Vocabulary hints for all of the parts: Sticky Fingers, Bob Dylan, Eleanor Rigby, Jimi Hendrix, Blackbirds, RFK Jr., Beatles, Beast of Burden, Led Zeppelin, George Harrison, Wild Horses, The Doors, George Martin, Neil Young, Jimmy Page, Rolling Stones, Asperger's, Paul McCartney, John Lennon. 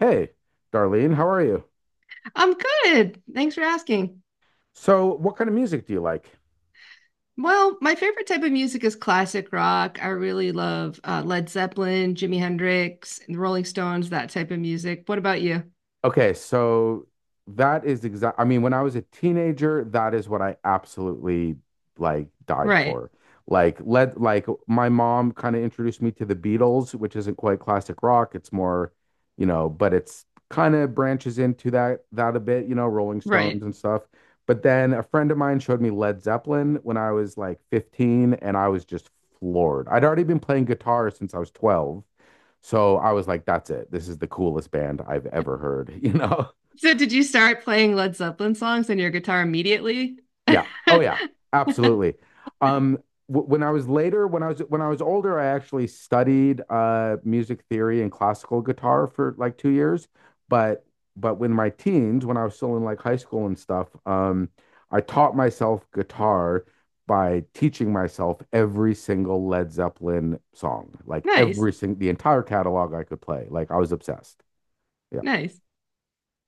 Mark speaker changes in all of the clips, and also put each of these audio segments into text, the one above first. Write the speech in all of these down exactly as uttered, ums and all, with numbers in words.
Speaker 1: Hey, Darlene, how are you?
Speaker 2: I'm good. Thanks for asking.
Speaker 1: So, what kind of music do you like?
Speaker 2: Well, my favorite type of music is classic rock. I really love uh, Led Zeppelin, Jimi Hendrix, and the Rolling Stones, that type of music. What about you?
Speaker 1: Okay, so that is exact. I mean, when I was a teenager, that is what I absolutely like died
Speaker 2: Right,
Speaker 1: for. Like, let like my mom kind of introduced me to the Beatles, which isn't quite classic rock. It's more, you know, but it's kind of branches into that that a bit, you know, Rolling Stones
Speaker 2: right.
Speaker 1: and stuff. But then a friend of mine showed me Led Zeppelin when I was like fifteen, and I was just floored. I'd already been playing guitar since I was twelve. So I was like, that's it. This is the coolest band I've ever heard, you know?
Speaker 2: So, did you start playing Led Zeppelin songs on your guitar immediately?
Speaker 1: Yeah. Oh yeah, absolutely. Um, w- when I was later, when I was when I was older, I actually studied uh music theory and classical guitar for like two years. But but when my teens, when I was still in like high school and stuff, um, I taught myself guitar by teaching myself every single Led Zeppelin song, like
Speaker 2: Nice,
Speaker 1: every single the entire catalog I could play. Like I was obsessed. Yeah.
Speaker 2: nice.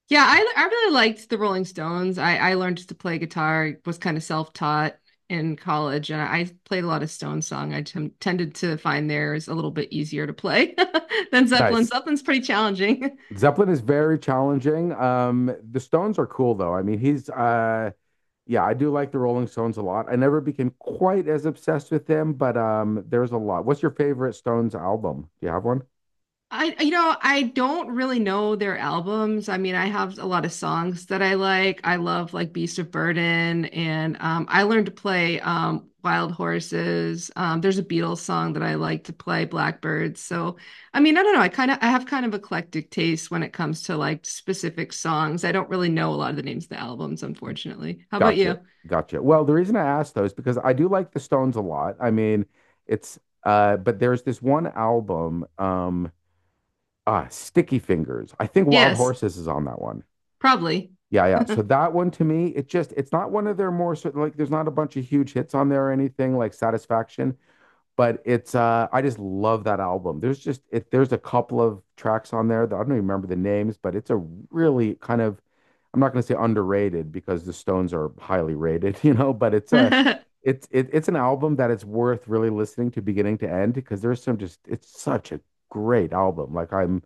Speaker 2: Yeah, I I really liked the Rolling Stones. I I learned to play guitar, was kind of self-taught in college, and I played a lot of Stones song. I tem- tended to find theirs a little bit easier to play than Zeppelin.
Speaker 1: Nice.
Speaker 2: Zeppelin's pretty challenging.
Speaker 1: Zeppelin is very challenging. Um, the Stones are cool though. I mean, he's uh, yeah, I do like the Rolling Stones a lot. I never became quite as obsessed with them, but um, there's a lot. What's your favorite Stones album? Do you have one?
Speaker 2: I, you know, I don't really know their albums. I mean, I have a lot of songs that I like. I love like Beast of Burden, and um, I learned to play um, Wild Horses. Um, there's a Beatles song that I like to play, Blackbirds. So, I mean, I don't know. I kind of I have kind of eclectic taste when it comes to like specific songs. I don't really know a lot of the names of the albums, unfortunately. How about you?
Speaker 1: Gotcha, gotcha. Well, the reason I asked those because I do like the Stones a lot. I mean, it's uh, but there's this one album, um, uh, Sticky Fingers. I think Wild
Speaker 2: Yes,
Speaker 1: Horses is on that one.
Speaker 2: probably.
Speaker 1: Yeah, yeah. So that one to me, it just it's not one of their more sort like there's not a bunch of huge hits on there or anything like Satisfaction, but it's uh I just love that album. There's just it There's a couple of tracks on there that I don't even remember the names, but it's a really kind of, I'm not going to say underrated because the Stones are highly rated, you know, but it's a it's it, it's an album that it's worth really listening to beginning to end because there's some just it's such a great album. Like I'm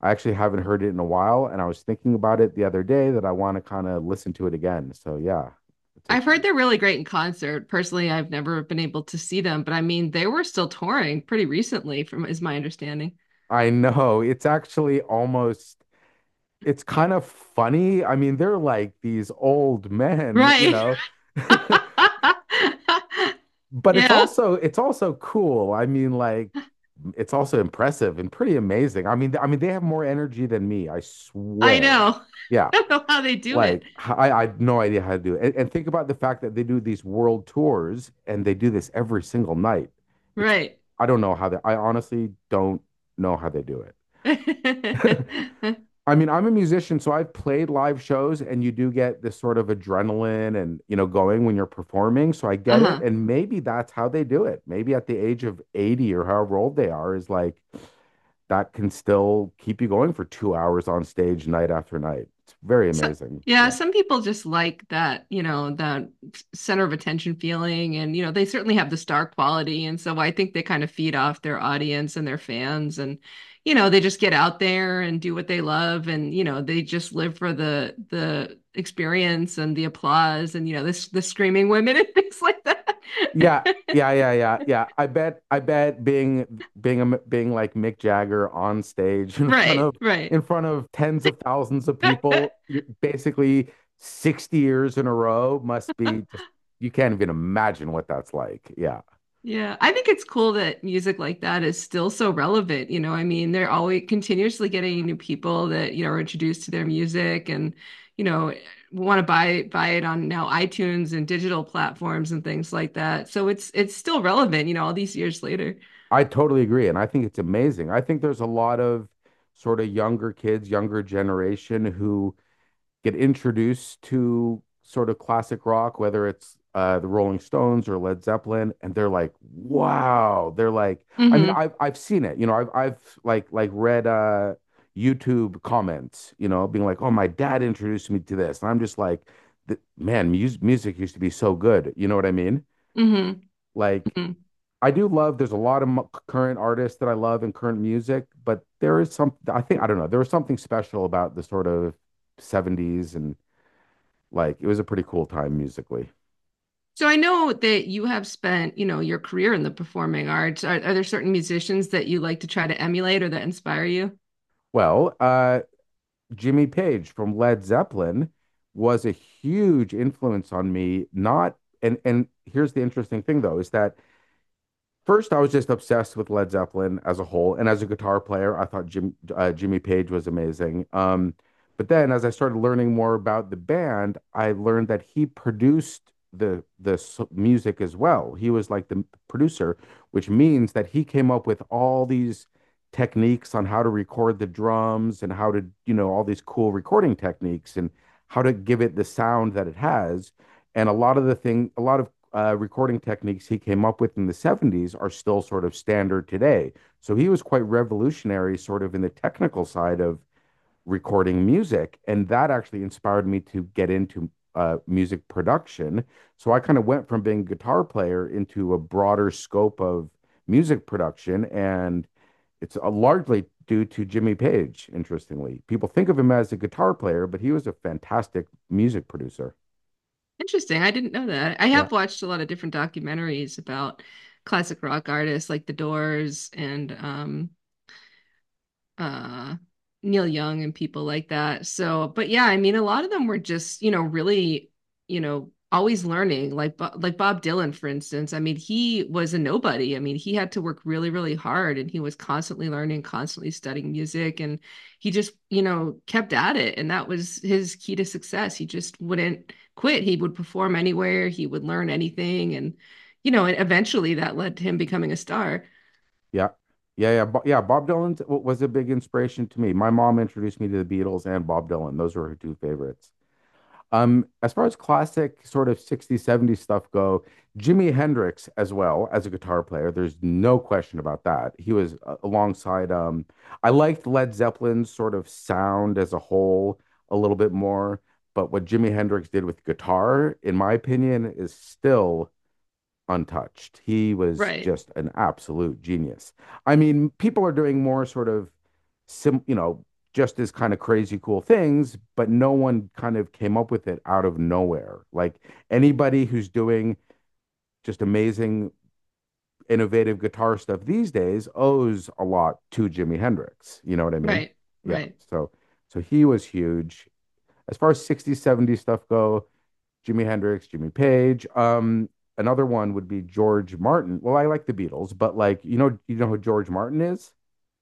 Speaker 1: I actually haven't heard it in a while and I was thinking about it the other day that I want to kind of listen to it again. So yeah, it's a.
Speaker 2: I've heard they're really great in concert. Personally, I've never been able to see them, but I mean, they were still touring pretty recently, from is my understanding.
Speaker 1: I know it's actually almost, it's kind of funny. I mean, they're like these old men, you
Speaker 2: Right.
Speaker 1: know. But it's
Speaker 2: Yeah,
Speaker 1: also it's also cool. I mean, like it's also impressive and pretty amazing. I mean, I mean they have more energy than me, I
Speaker 2: I
Speaker 1: swear.
Speaker 2: know.
Speaker 1: Yeah.
Speaker 2: I don't know how they do it.
Speaker 1: Like I, I had no idea how to do it. And, and think about the fact that they do these world tours and they do this every single night. It's,
Speaker 2: Right.
Speaker 1: I don't know how they, I honestly don't know how they do it. I mean, I'm a musician, so I've played live shows, and you do get this sort of adrenaline and, you know, going when you're performing. So I get it.
Speaker 2: Uh-huh.
Speaker 1: And maybe that's how they do it. Maybe at the age of eighty or however old they are, is like that can still keep you going for two hours on stage night after night. It's very
Speaker 2: So,
Speaker 1: amazing.
Speaker 2: yeah,
Speaker 1: Yeah.
Speaker 2: some people just like that, you know, the center of attention feeling. And, you know, they certainly have the star quality. And so I think they kind of feed off their audience and their fans. And, you know, they just get out there and do what they love. And, you know, they just live for the, the, experience and the applause and you know this the screaming women and things like that.
Speaker 1: Yeah, yeah, yeah, yeah, yeah. I bet, I bet being being a, being like Mick Jagger on stage in front of
Speaker 2: Right, right.
Speaker 1: in front of tens of thousands of people, you're basically sixty years in a row must be just, you can't even imagine what that's like. Yeah.
Speaker 2: Yeah, I think it's cool that music like that is still so relevant. You know, I mean, they're always continuously getting new people that, you know, are introduced to their music and, you know, want to buy buy it on now iTunes and digital platforms and things like that. So it's it's still relevant, you know, all these years later.
Speaker 1: I totally agree, and I think it's amazing. I think there's a lot of sort of younger kids, younger generation who get introduced to sort of classic rock, whether it's uh, the Rolling Stones or Led Zeppelin, and they're like, wow. They're like, I mean,
Speaker 2: Hmm.
Speaker 1: I've I've seen it. You know, I've I've like like read uh, YouTube comments. You know, being like, oh, my dad introduced me to this, and I'm just like, man, music music used to be so good. You know what I mean?
Speaker 2: Hmm.
Speaker 1: Like.
Speaker 2: Hmm.
Speaker 1: I do love. There's a lot of mo- current artists that I love and current music, but there is some. I think I don't know. There was something special about the sort of seventies, and like it was a pretty cool time musically.
Speaker 2: So I know that you have spent, you know, your career in the performing arts. Are, are there certain musicians that you like to try to emulate or that inspire you?
Speaker 1: Well, uh, Jimmy Page from Led Zeppelin was a huge influence on me. Not, and and here's the interesting thing though is that, first, I was just obsessed with Led Zeppelin as a whole, and as a guitar player, I thought Jim uh, Jimmy Page was amazing. Um, but then, as I started learning more about the band, I learned that he produced the the s- music as well. He was like the m- producer, which means that he came up with all these techniques on how to record the drums and how to, you know, all these cool recording techniques and how to give it the sound that it has. And a lot of the thing, a lot of uh, recording techniques he came up with in the seventies are still sort of standard today. So he was quite revolutionary, sort of in the technical side of recording music. And that actually inspired me to get into uh, music production. So I kind of went from being a guitar player into a broader scope of music production. And it's uh, largely due to Jimmy Page, interestingly. People think of him as a guitar player, but he was a fantastic music producer.
Speaker 2: Interesting. I didn't know that. I
Speaker 1: Yeah.
Speaker 2: have watched a lot of different documentaries about classic rock artists like The Doors and um, uh Neil Young and people like that. So, but yeah, I mean, a lot of them were just, you know, really, you know, always learning. Like, Bo- like Bob Dylan, for instance. I mean, he was a nobody. I mean, he had to work really, really hard, and he was constantly learning, constantly studying music, and he just, you know, kept at it. And that was his key to success. He just wouldn't quit. He would perform anywhere. He would learn anything, and you know, and eventually that led to him becoming a star.
Speaker 1: Yeah. Yeah, yeah, Bo- yeah. Bob Dylan t- w- was a big inspiration to me. My mom introduced me to the Beatles and Bob Dylan. Those were her two favorites. Um, as far as classic sort of sixties, seventies stuff go, Jimi Hendrix as well as a guitar player. There's no question about that. He was uh, alongside um I liked Led Zeppelin's sort of sound as a whole a little bit more, but what Jimi Hendrix did with guitar, in my opinion, is still untouched. He was
Speaker 2: Right.
Speaker 1: just an absolute genius. I mean, people are doing more sort of sim, you know, just as kind of crazy cool things, but no one kind of came up with it out of nowhere. Like anybody who's doing just amazing innovative guitar stuff these days owes a lot to Jimi Hendrix. You know what I mean?
Speaker 2: Right.
Speaker 1: Yeah.
Speaker 2: Right.
Speaker 1: So so he was huge. As far as sixties, seventies stuff go, Jimi Hendrix, Jimmy Page. Um, another one would be George Martin. Well, I like the Beatles, but like you know, you know who George Martin is?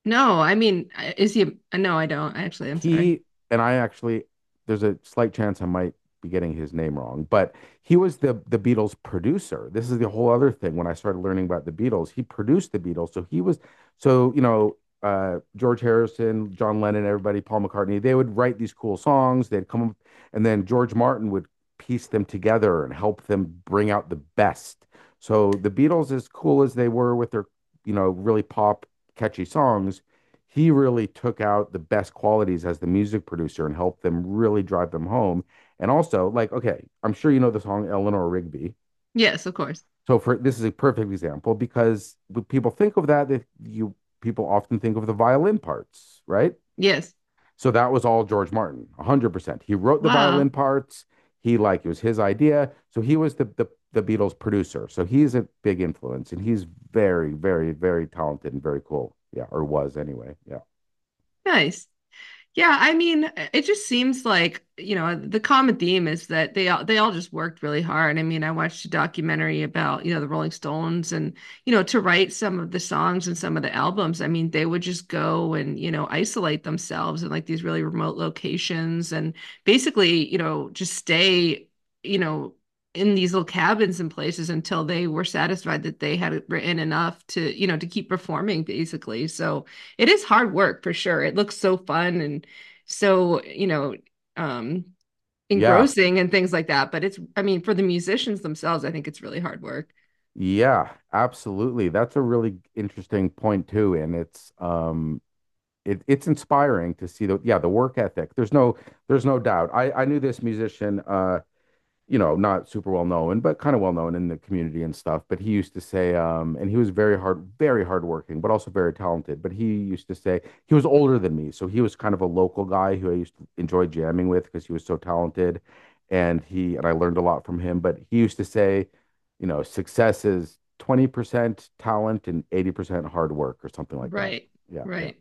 Speaker 2: No, I mean, is he? No, I don't. Actually, I'm sorry.
Speaker 1: He and I actually, there's a slight chance I might be getting his name wrong, but he was the the Beatles producer. This is the whole other thing. When I started learning about the Beatles, he produced the Beatles, so he was, so you know, uh, George Harrison, John Lennon, everybody, Paul McCartney. They would write these cool songs. They'd come, up- and then George Martin would piece them together and help them bring out the best. So the Beatles, as cool as they were with their, you know, really pop catchy songs, he really took out the best qualities as the music producer and helped them really drive them home. And also, like, okay, I'm sure you know the song Eleanor Rigby.
Speaker 2: Yes, of course.
Speaker 1: So for, this is a perfect example because when people think of that, they, you people often think of the violin parts, right?
Speaker 2: Yes.
Speaker 1: So that was all George Martin, one hundred percent. He wrote the violin
Speaker 2: Wow.
Speaker 1: parts. He like It was his idea. So he was the the the Beatles producer. So he's a big influence and he's very very very talented and very cool. Yeah, or was anyway. Yeah.
Speaker 2: Nice. Yeah, I mean, uh, it just seems like, you know, the common theme is that they all they all just worked really hard. I mean, I watched a documentary about, you know, the Rolling Stones and, you know, to write some of the songs and some of the albums. I mean, they would just go and, you know, isolate themselves in like these really remote locations and basically, you know, just stay, you know, in these little cabins and places until they were satisfied that they had written enough to, you know, to keep performing basically. So, it is hard work for sure. It looks so fun and so you know um
Speaker 1: Yeah,
Speaker 2: engrossing and things like that, but it's, I mean, for the musicians themselves, I think it's really hard work.
Speaker 1: Yeah, absolutely. That's a really interesting point too, and it's um it it's inspiring to see the yeah, the work ethic. There's no there's no doubt. I I knew this musician uh you know, not super well known, but kind of well known in the community and stuff. But he used to say, um, and he was very hard, very hardworking, but also very talented. But he used to say he was older than me, so he was kind of a local guy who I used to enjoy jamming with because he was so talented, and he, and I learned a lot from him. But he used to say, you know, success is twenty percent talent and eighty percent hard work or something like that.
Speaker 2: Right.
Speaker 1: Yeah, yeah.
Speaker 2: Right.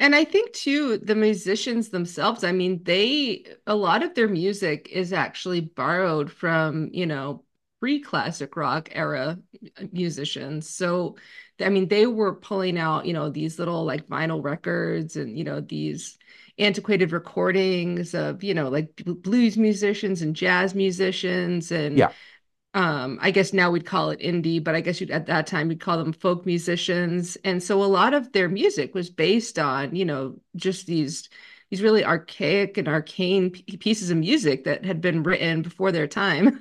Speaker 2: And I think too, the musicians themselves, I mean, they, a lot of their music is actually borrowed from, you know, pre-classic rock era musicians. So, I mean, they were pulling out, you know, these little like vinyl records and, you know, these antiquated recordings of, you know, like blues musicians and jazz musicians, and
Speaker 1: Yeah.
Speaker 2: um I guess now we'd call it indie, but I guess you'd at that time we would call them folk musicians. And so a lot of their music was based on, you know, just these these really archaic and arcane pieces of music that had been written before their time.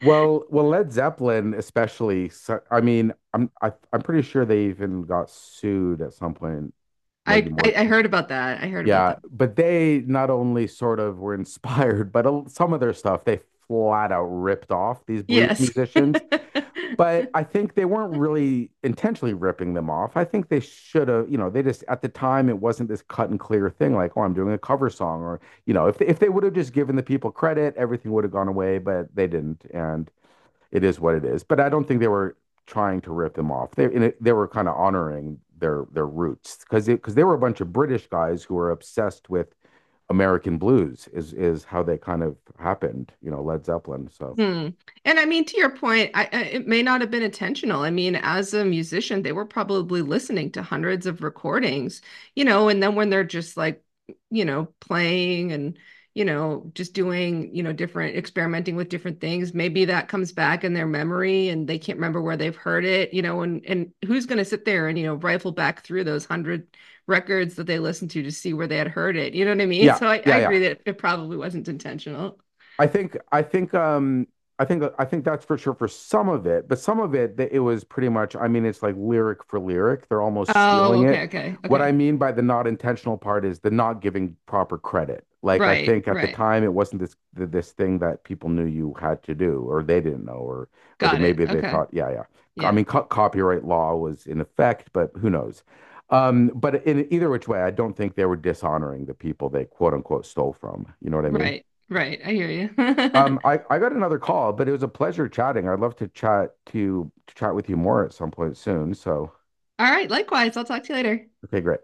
Speaker 1: Well, well, Led Zeppelin especially. So, I mean, I'm I, I'm pretty sure they even got sued at some point, maybe
Speaker 2: I,
Speaker 1: more.
Speaker 2: I I heard about that, i heard about
Speaker 1: Yeah,
Speaker 2: that
Speaker 1: but they not only sort of were inspired, but a- some of their stuff they flat out ripped off these blues
Speaker 2: Yes.
Speaker 1: musicians. But I think they weren't really intentionally ripping them off. I think they should have, you know, they just at the time it wasn't this cut and clear thing like, oh, I'm doing a cover song, or you know, if if they would have just given the people credit, everything would have gone away, but they didn't, and it is what it is. But I don't think they were trying to rip them off. They it, they were kind of honoring their their roots because because they were a bunch of British guys who were obsessed with American blues is is how they kind of happened. You know, Led Zeppelin. So
Speaker 2: Hmm. And I mean, to your point, I, I, it may not have been intentional. I mean, as a musician, they were probably listening to hundreds of recordings, you know, and then when they're just like, you know, playing and, you know, just doing, you know, different, experimenting with different things, maybe that comes back in their memory and they can't remember where they've heard it, you know, and and who's going to sit there and, you know, rifle back through those hundred records that they listened to to see where they had heard it. You know what I mean?
Speaker 1: yeah,
Speaker 2: So I, I
Speaker 1: yeah, yeah.
Speaker 2: agree that it probably wasn't intentional.
Speaker 1: I think I think um I think I think that's for sure for some of it, but some of it that it was pretty much, I mean it's like lyric for lyric. They're almost
Speaker 2: Oh,
Speaker 1: stealing
Speaker 2: okay,
Speaker 1: it.
Speaker 2: okay,
Speaker 1: What I
Speaker 2: okay.
Speaker 1: mean by the not intentional part is the not giving proper credit. Like I
Speaker 2: Right,
Speaker 1: think at the
Speaker 2: right.
Speaker 1: time it wasn't this th- this thing that people knew you had to do or they didn't know or or that
Speaker 2: Got it.
Speaker 1: maybe they
Speaker 2: Okay.
Speaker 1: thought, yeah yeah. I
Speaker 2: Yeah.
Speaker 1: mean co copyright law was in effect, but who knows. Um, but in either which way, I don't think they were dishonoring the people they quote unquote stole from. You know what I mean?
Speaker 2: Right, right. I hear you.
Speaker 1: Um, I, I got another call, but it was a pleasure chatting. I'd love to chat to to chat with you more at some point soon. So,
Speaker 2: All right. Likewise. I'll talk to you later.
Speaker 1: okay, great.